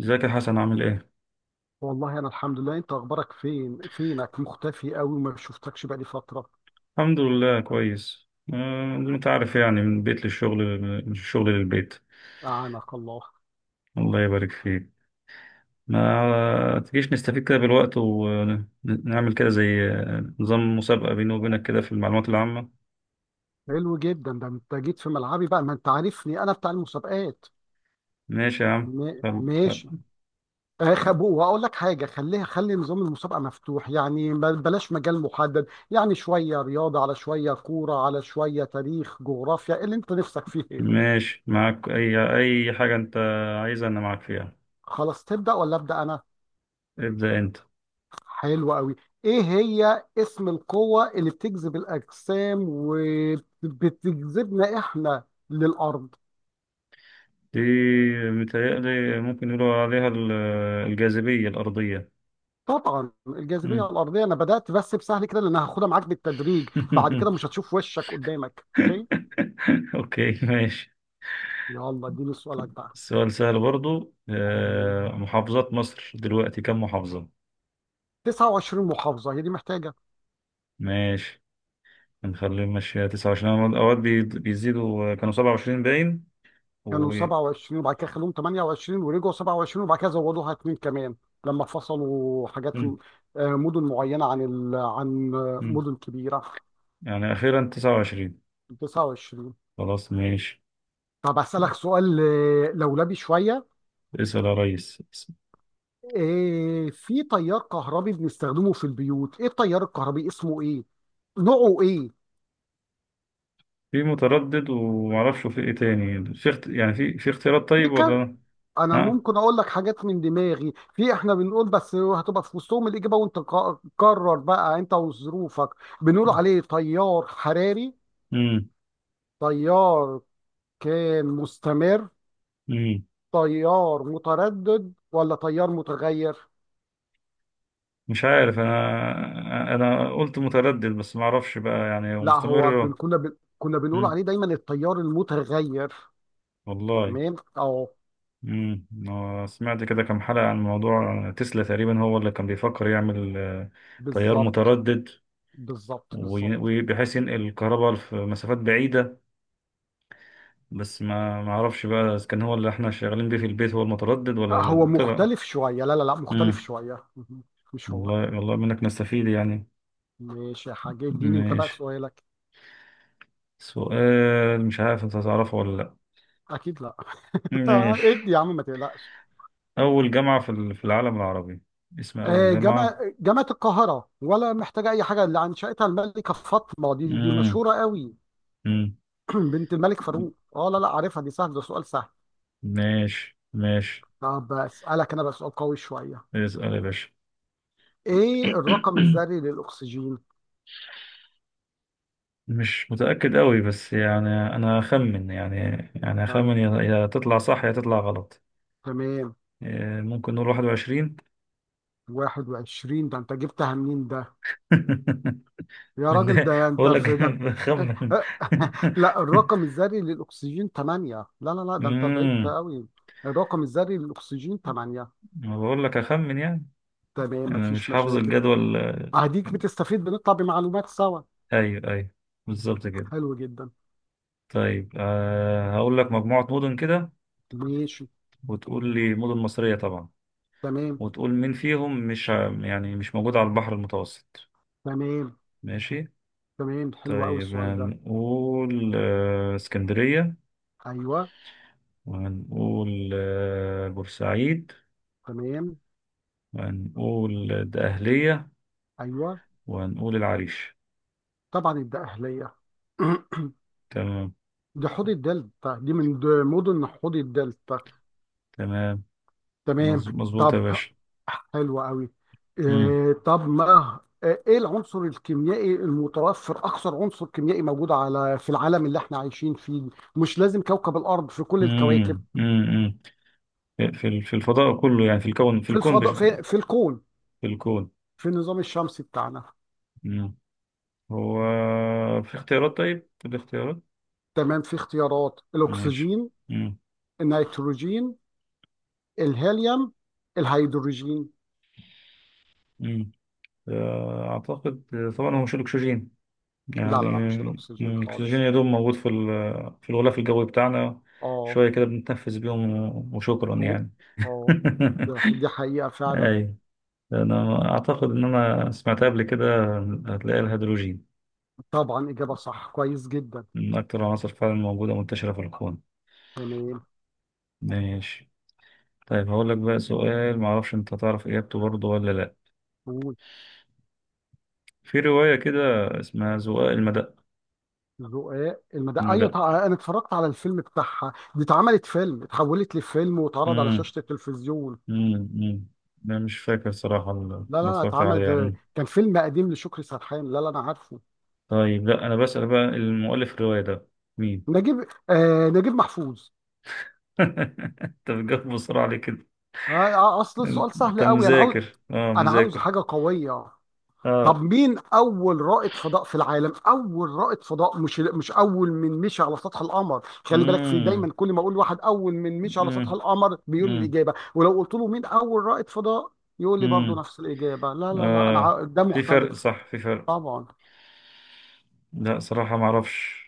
ازيك يا حسن، عامل ايه؟ والله، انا الحمد لله، انت اخبارك فينك مختفي قوي وما شفتكش بقالي فتره. الحمد لله كويس. زي ما انت عارف يعني من البيت للشغل، من الشغل للبيت. اعانك الله. الله يبارك فيك. ما تجيش نستفيد كده بالوقت ونعمل كده زي نظام مسابقة بيني وبينك كده في المعلومات العامة. حلو جدا، ده انت جيت في ملعبي بقى، ما انت عارفني انا بتاع المسابقات. ماشي يا عم. خل... ماشي. خل... اخب واقول لك حاجه، خلي نظام المسابقه مفتوح، يعني بلاش مجال محدد. يعني شويه رياضه، على شويه كوره، على شويه تاريخ جغرافيا، اللي انت نفسك فيه ايه. ماشي معاك اي حاجة انت عايزها انا معاك فيها. خلاص، تبدا ولا ابدا انا؟ ابدأ انت. حلو قوي. ايه هي اسم القوة اللي بتجذب الاجسام وبتجذبنا احنا للارض؟ دي متهيألي ممكن يقولوا عليها الجاذبية الأرضية. طبعا الجاذبية مم. الارضية. انا بدأت بس بسهل كده، لان هاخدها معاك بالتدريج، بعد كده مش هتشوف وشك قدامك. اوكي، اوكي، ماشي. يلا اديني سؤالك بقى. السؤال سهل برضو. محافظات مصر دلوقتي كم محافظة؟ 29 محافظة هي دي محتاجة. ماشي. هنخليه ماشية 29. أنا أوقات بيزيدوا، كانوا 27 باين كانوا و 27 وبعد كده خلوهم 28، ورجعوا 27، وبعد كده زودوها اتنين كمان لما فصلوا حاجات. مم، مدن معينة عن ال... عن آه، مم. مدن كبيرة. يعني أخيرا 29. 29. خلاص، ماشي. طب أسألك سؤال لولبي شوية. اسأل يا ريس. في تيار كهربي بنستخدمه في البيوت، إيه التيار الكهربي، اسمه إيه؟ نوعه إيه؟ في متردد ومعرفش في إيه تاني، في يعني في اختيارات طيب، فكر. ولا؟ أنا ها؟ ممكن أقول لك حاجات من دماغي، في إحنا بنقول، بس هتبقى في وسطهم الإجابة، وأنت قرر بقى أنت وظروفك. بنقول عليه تيار حراري، مم. تيار كان مستمر، مم. تيار متردد، ولا تيار متغير. مش عارف، أنا قلت متردد بس معرفش بقى يعني هو لا، هو مستمر. كنا بنقول مم. عليه دايما التيار المتغير. والله. تمام اه. سمعت كده كام حلقة عن موضوع تسلا، تقريبا هو اللي كان بيفكر يعمل طيار بالظبط. متردد بالظبط. بالظبط. وبحيث ينقل الكهرباء في مسافات بعيدة. بس ما اعرفش بقى اذا كان هو اللي احنا شغالين بيه في البيت هو المتردد، هو ولا طلع. مختلف شوية، لا لا لا مختلف امم. شوية. مهم. مش هو. والله والله منك نستفيد يعني. ماشي يا حاج، اديني انت بقى ماشي. سؤالك. سؤال مش عارف انت هتعرفه ولا لا. اكيد لا. ماشي. ادي يا عم ما تقلقش. اول جامعة في في العالم العربي، اسم اول جامعة؟ جامعة القاهرة، ولا محتاجة أي حاجة، اللي أنشأتها الملكة فاطمة، دي دي امم. مشهورة قوي. امم. بنت الملك فاروق. اه، لا لا، عارفها دي، سهل ده، سؤال سهل. ماشي، ماشي. طب أسألك أنا بقى سؤال قوي شوية. اسأل يا باشا. إيه الرقم الذري للأكسجين؟ مش متأكد قوي بس يعني، أنا أخمن يعني، يعني أخمن تم- يا تطلع صح يا تطلع غلط. تمام. إيه، ممكن نقول واحد وعشرين. 21 ده أنت جبتها منين ده؟ يا من راجل، ده؟ ده انت، بقول في لك ده انت. بخمن. لا، الرقم الذري للاكسجين 8، لا لا لا ده انت بعيد امم. قوي. الرقم الذري للاكسجين 8. أنا بقول لك أخمن يعني. تمام، أنا مش مفيش حافظ مشاكل. الجدول. اديك بتستفيد، بنطلع بمعلومات سوا. أيوه، أيوه. بالظبط كده. حلو جدا. طيب، هقول لك مجموعة مدن كده، ماشي. وتقول لي مدن مصرية طبعا، تمام. وتقول مين فيهم مش يعني مش موجود على البحر المتوسط. تمام. ماشي. تمام، حلو قوي طيب، السؤال ده. هنقول اسكندرية. ايوه. وهنقول بورسعيد. تمام. وهنقول الدقهلية. ايوه. وهنقول العريش. طبعا الدقهليه. تمام. دي حوض الدلتا، دي من مدن حوض الدلتا. تمام. تمام. مظبوط يا طب. باشا. حلو قوي. مم. إيه طب ما آه، ايه العنصر الكيميائي المتوفر، اكثر عنصر كيميائي موجود على في العالم اللي احنا عايشين فيه؟ مش لازم كوكب الارض، في كل الكواكب. مم. مم. مم. في في الفضاء كله، يعني في الفضاء، في الكون. في الكون. في النظام الشمسي بتاعنا. مم. هو في اختيارات؟ طيب، في اختيارات. تمام. في اختيارات، ماشي. الاكسجين، مم. النيتروجين، الهيليوم، الهيدروجين. مم. أعتقد طبعا هو مش الأكسجين لا يعني. لا لا، مش الاكسجين الأكسجين خالص. يا دوب موجود في في الغلاف الجوي بتاعنا، اه. شوية كده بنتنفس بيهم وشكرا و- يعني. اه دي حقيقة فعلا. أي. أنا أعتقد إن أنا سمعتها قبل كده. هتلاقي الهيدروجين طبعا، إجابة صح، كويس جدا. من أكتر العناصر فعلا، موجودة منتشرة في الكون. تمام، ماشي. طيب، هقول لك بقى سؤال معرفش أنت تعرف إجابته برضه ولا لأ. قول. في رواية كده اسمها زقاق المدق. ذقاق المدى، ايوه المدق. طبعا، انا اتفرجت على الفيلم بتاعها، دي اتعملت فيلم، اتحولت لفيلم، واتعرض على مم. شاشه التلفزيون. مم. مم. أنا مش فاكر صراحة، لا لا ما لا، اتفرجت عليها. اتعملت، كان فيلم قديم لشكري سرحان، لا لا انا عارفه. طيب، لا انا بسأل بقى المؤلف الرواية ده مين؟ نجيب. آه، نجيب محفوظ. انت بتجاوب بسرعة ليه كده؟ اصل السؤال انت سهل قوي، انا عاوز، مذاكر، انا عاوز مذاكر. حاجه قويه. طب اه. مين اول رائد فضاء في العالم؟ اول رائد فضاء، مش اول من مشي على سطح القمر، خلي بالك. في امم. دايما كل ما اقول واحد اول من مشي على سطح امم. القمر بيقول لي امم. الاجابه، ولو قلت له مين اول رائد فضاء يقول لي برضو امم. نفس الاجابه. لا لا لا، انا اه. ده في فرق، مختلف. صح، في فرق. طبعا. لا، صراحة ما اعرفش.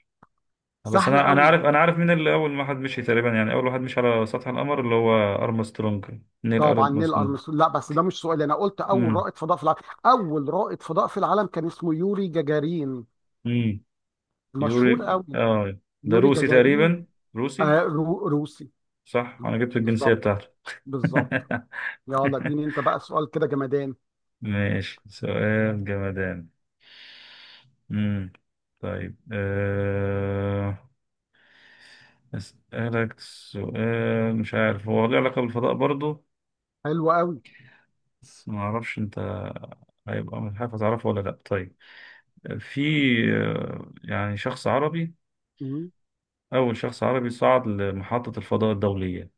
بس سهل انا انا قوي. عارف انا عارف مين اللي اول واحد مشي تقريبا، يعني اول واحد مشي على سطح القمر، اللي هو ارمسترونج، نيل طبعا نيل ارمسترونج. ارمسترونج، لا بس ده مش سؤال، انا قلت اول امم. رائد فضاء في العالم. اول رائد فضاء في العالم كان اسمه يوري جاجارين. امم. مشهور يوري، قوي. اه. ده يوري روسي جاجارين. تقريبا، روسي. روسي. صح، انا جبت الجنسية بالظبط. بتاعته. بالظبط. يلا اديني انت بقى سؤال كده جمدان. ماشي، سؤال جمدان. مم. طيب. أسألك سؤال، مش عارف هو له علاقة بالفضاء برضه، حلو قوي. بس ما أعرفش أنت هيبقى مش عارف هتعرفه ولا لأ. طيب، في يعني شخص عربي، مم. أول شخص عربي صعد لمحطة الفضاء الدولية.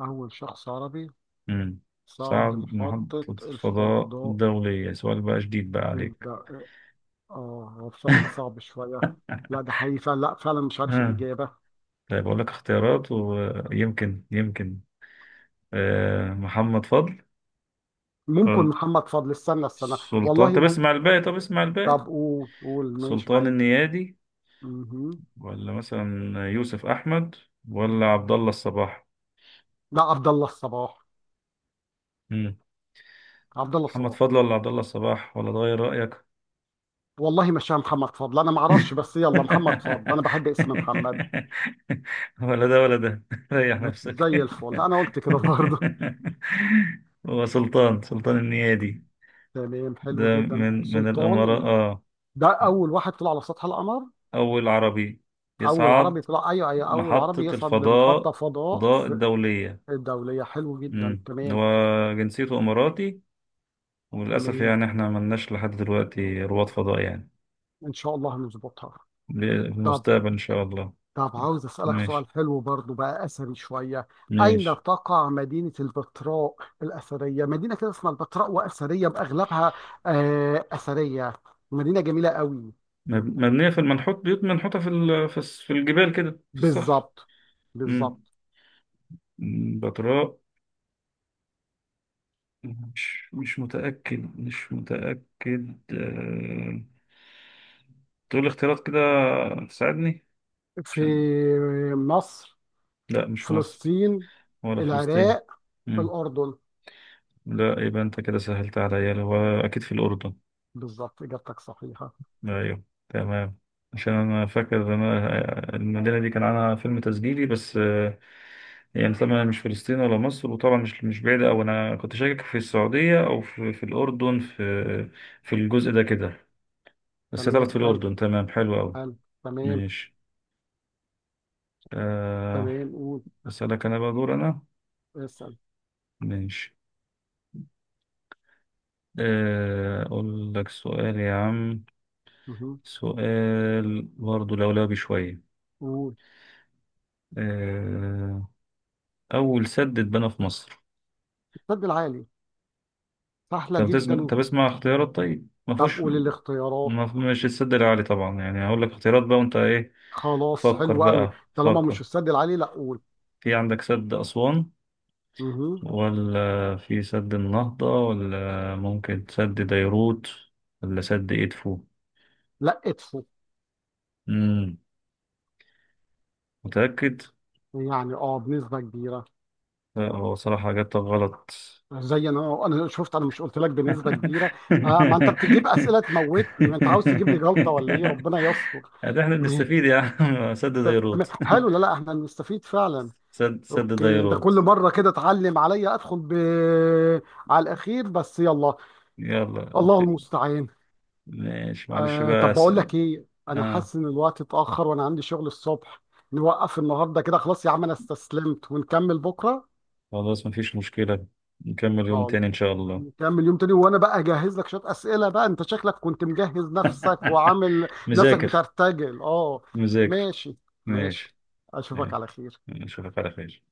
اول شخص عربي مم. صعد صعد لمحطة محطة الفضاء الفضاء. الدولية. سؤال بقى جديد بقى إيه عليك. ده إيه؟ اه، هو بصراحة صعب شوية. لا ده حقيقي فعلا، لا فعلا مش عارف مم. الإجابة. طيب، أقول لك اختيارات ويمكن يمكن محمد فضل. ممكن محمد فضل، استنى استنى، سلطان، والله طب ممكن. اسمع الباقي، طب اسمع الباقي. طب قول، قول، ماشي سلطان معاك. النيادي. مهم. ولا مثلا يوسف احمد، ولا عبد الله الصباح. لا، عبد الله الصباح. مم. عبد الله محمد الصباح. فضل، ولا عبد الله الصباح، ولا تغير رايك؟ والله مش محمد فضل، انا ما اعرفش، بس يلا محمد فضل، انا بحب اسم محمد. ولا ده، ولا ده. ريح نفسك. زي الفل، انا قلت كده برضه. هو سلطان، سلطان النيادي. تمام، حلو ده جدا من الامارات، سلطان. اه. ده اول واحد طلع على سطح القمر. اول عربي اول عربي يصعد طلع، ايوه ايوه، اول عربي محطة يصعد لمحطه الفضاء فضاء فضاء في الدولية. الدوليه. حلو جدا، امم. تمام. هو جنسيته اماراتي، وللاسف تمام. يعني احنا ملناش لحد دلوقتي رواد فضاء يعني. ان شاء الله هنظبطها. ب- في طب. المستقبل ان شاء الله. طب عاوز اسالك سؤال ماشي. حلو برضو بقى، اثري شويه. اين ماشي. تقع مدينه البتراء الاثريه؟ مدينه كده اسمها البتراء، واثريه باغلبها. آه اثريه. مدينه جميله قوي. مبنيه في المنحوت بيوت منحوته في في الجبال كده، في الصخر. بالظبط. امم. بالظبط. بتراء. مش متاكد. تقول لي اختيارات كده، تساعدني في عشان. مصر؟ لا، مش في مصر. فلسطين؟ ولا فلسطين. العراق؟ مم. الأردن؟ لا، يبقى انت كده سهلت عليا، اللي هو اكيد في الاردن. بالظبط، إجابتك صحيحة. ايوه، تمام. عشان انا فاكر ان انا المدينه دي كان عنها فيلم تسجيلي بس. يعني طبعا مش فلسطين ولا مصر، وطبعا مش بعيده، او انا كنت شاكك في السعوديه او في الاردن، في الجزء ده كده. بس تمام طلعت في حلو. الاردن. تمام، حلو قوي. حلو. تمام. ماشي. أه تمام، قول. اسالك انا بقى، دور انا. اسأل. ماشي. اقول لك سؤال يا عم، مهم. سؤال برضه لولبي شويه، قول. آه، أول سد اتبنى في مصر؟ السد العالي. سهلة جدا. طب اسمع اختيارات طيب، ما طب فيهوش. قول الاختيارات. ما مش السد العالي طبعا، يعني هقول لك اختيارات بقى وأنت إيه. خلاص، فكر حلو قوي. بقى، طالما مش فكر. السد العالي، لا قول. في عندك سد أسوان، مهم. ولا في سد النهضة، ولا ممكن سد ديروت، ولا سد إدفو؟ لا، ادفو. مم. متأكد؟ يعني اه، بنسبة كبيرة. لا، هو صراحة إجابتك غلط. زي انا، انا شفت، انا مش قلت لك بنسبة كبيرة. آه، ما انت بتجيب اسئلة تموتني، ما انت عاوز تجيب لي جلطة ولا ايه؟ ربنا يستر. ده احنا بنستفيد يا عم. سد تمام ديروت. حلو، لا لا، احنا نستفيد فعلا. سد اوكي، انت ديروت. كل مره كده تعلم عليا، ادخل على الاخير، بس يلا. يلا، الله المستعان. ماشي، معلش بقى طب س... بقول لك ايه، انا اه. حاسس ان الوقت اتاخر، وانا عندي شغل الصبح. نوقف النهارده كده، خلاص يا عم، انا استسلمت، ونكمل بكره. خلاص، مفيش مشكلة. نكمل يوم خلاص. تاني ان شاء الله. نكمل يوم تاني، وانا بقى اجهز لك شويه اسئله بقى، انت شكلك كنت مجهز نفسك، وعامل نفسك مذاكر. بترتجل اه. مذاكر. ماشي. ماشي. ماشي. اشوفك ماشي. على نشوفك على خير.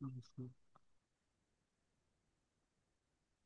خير.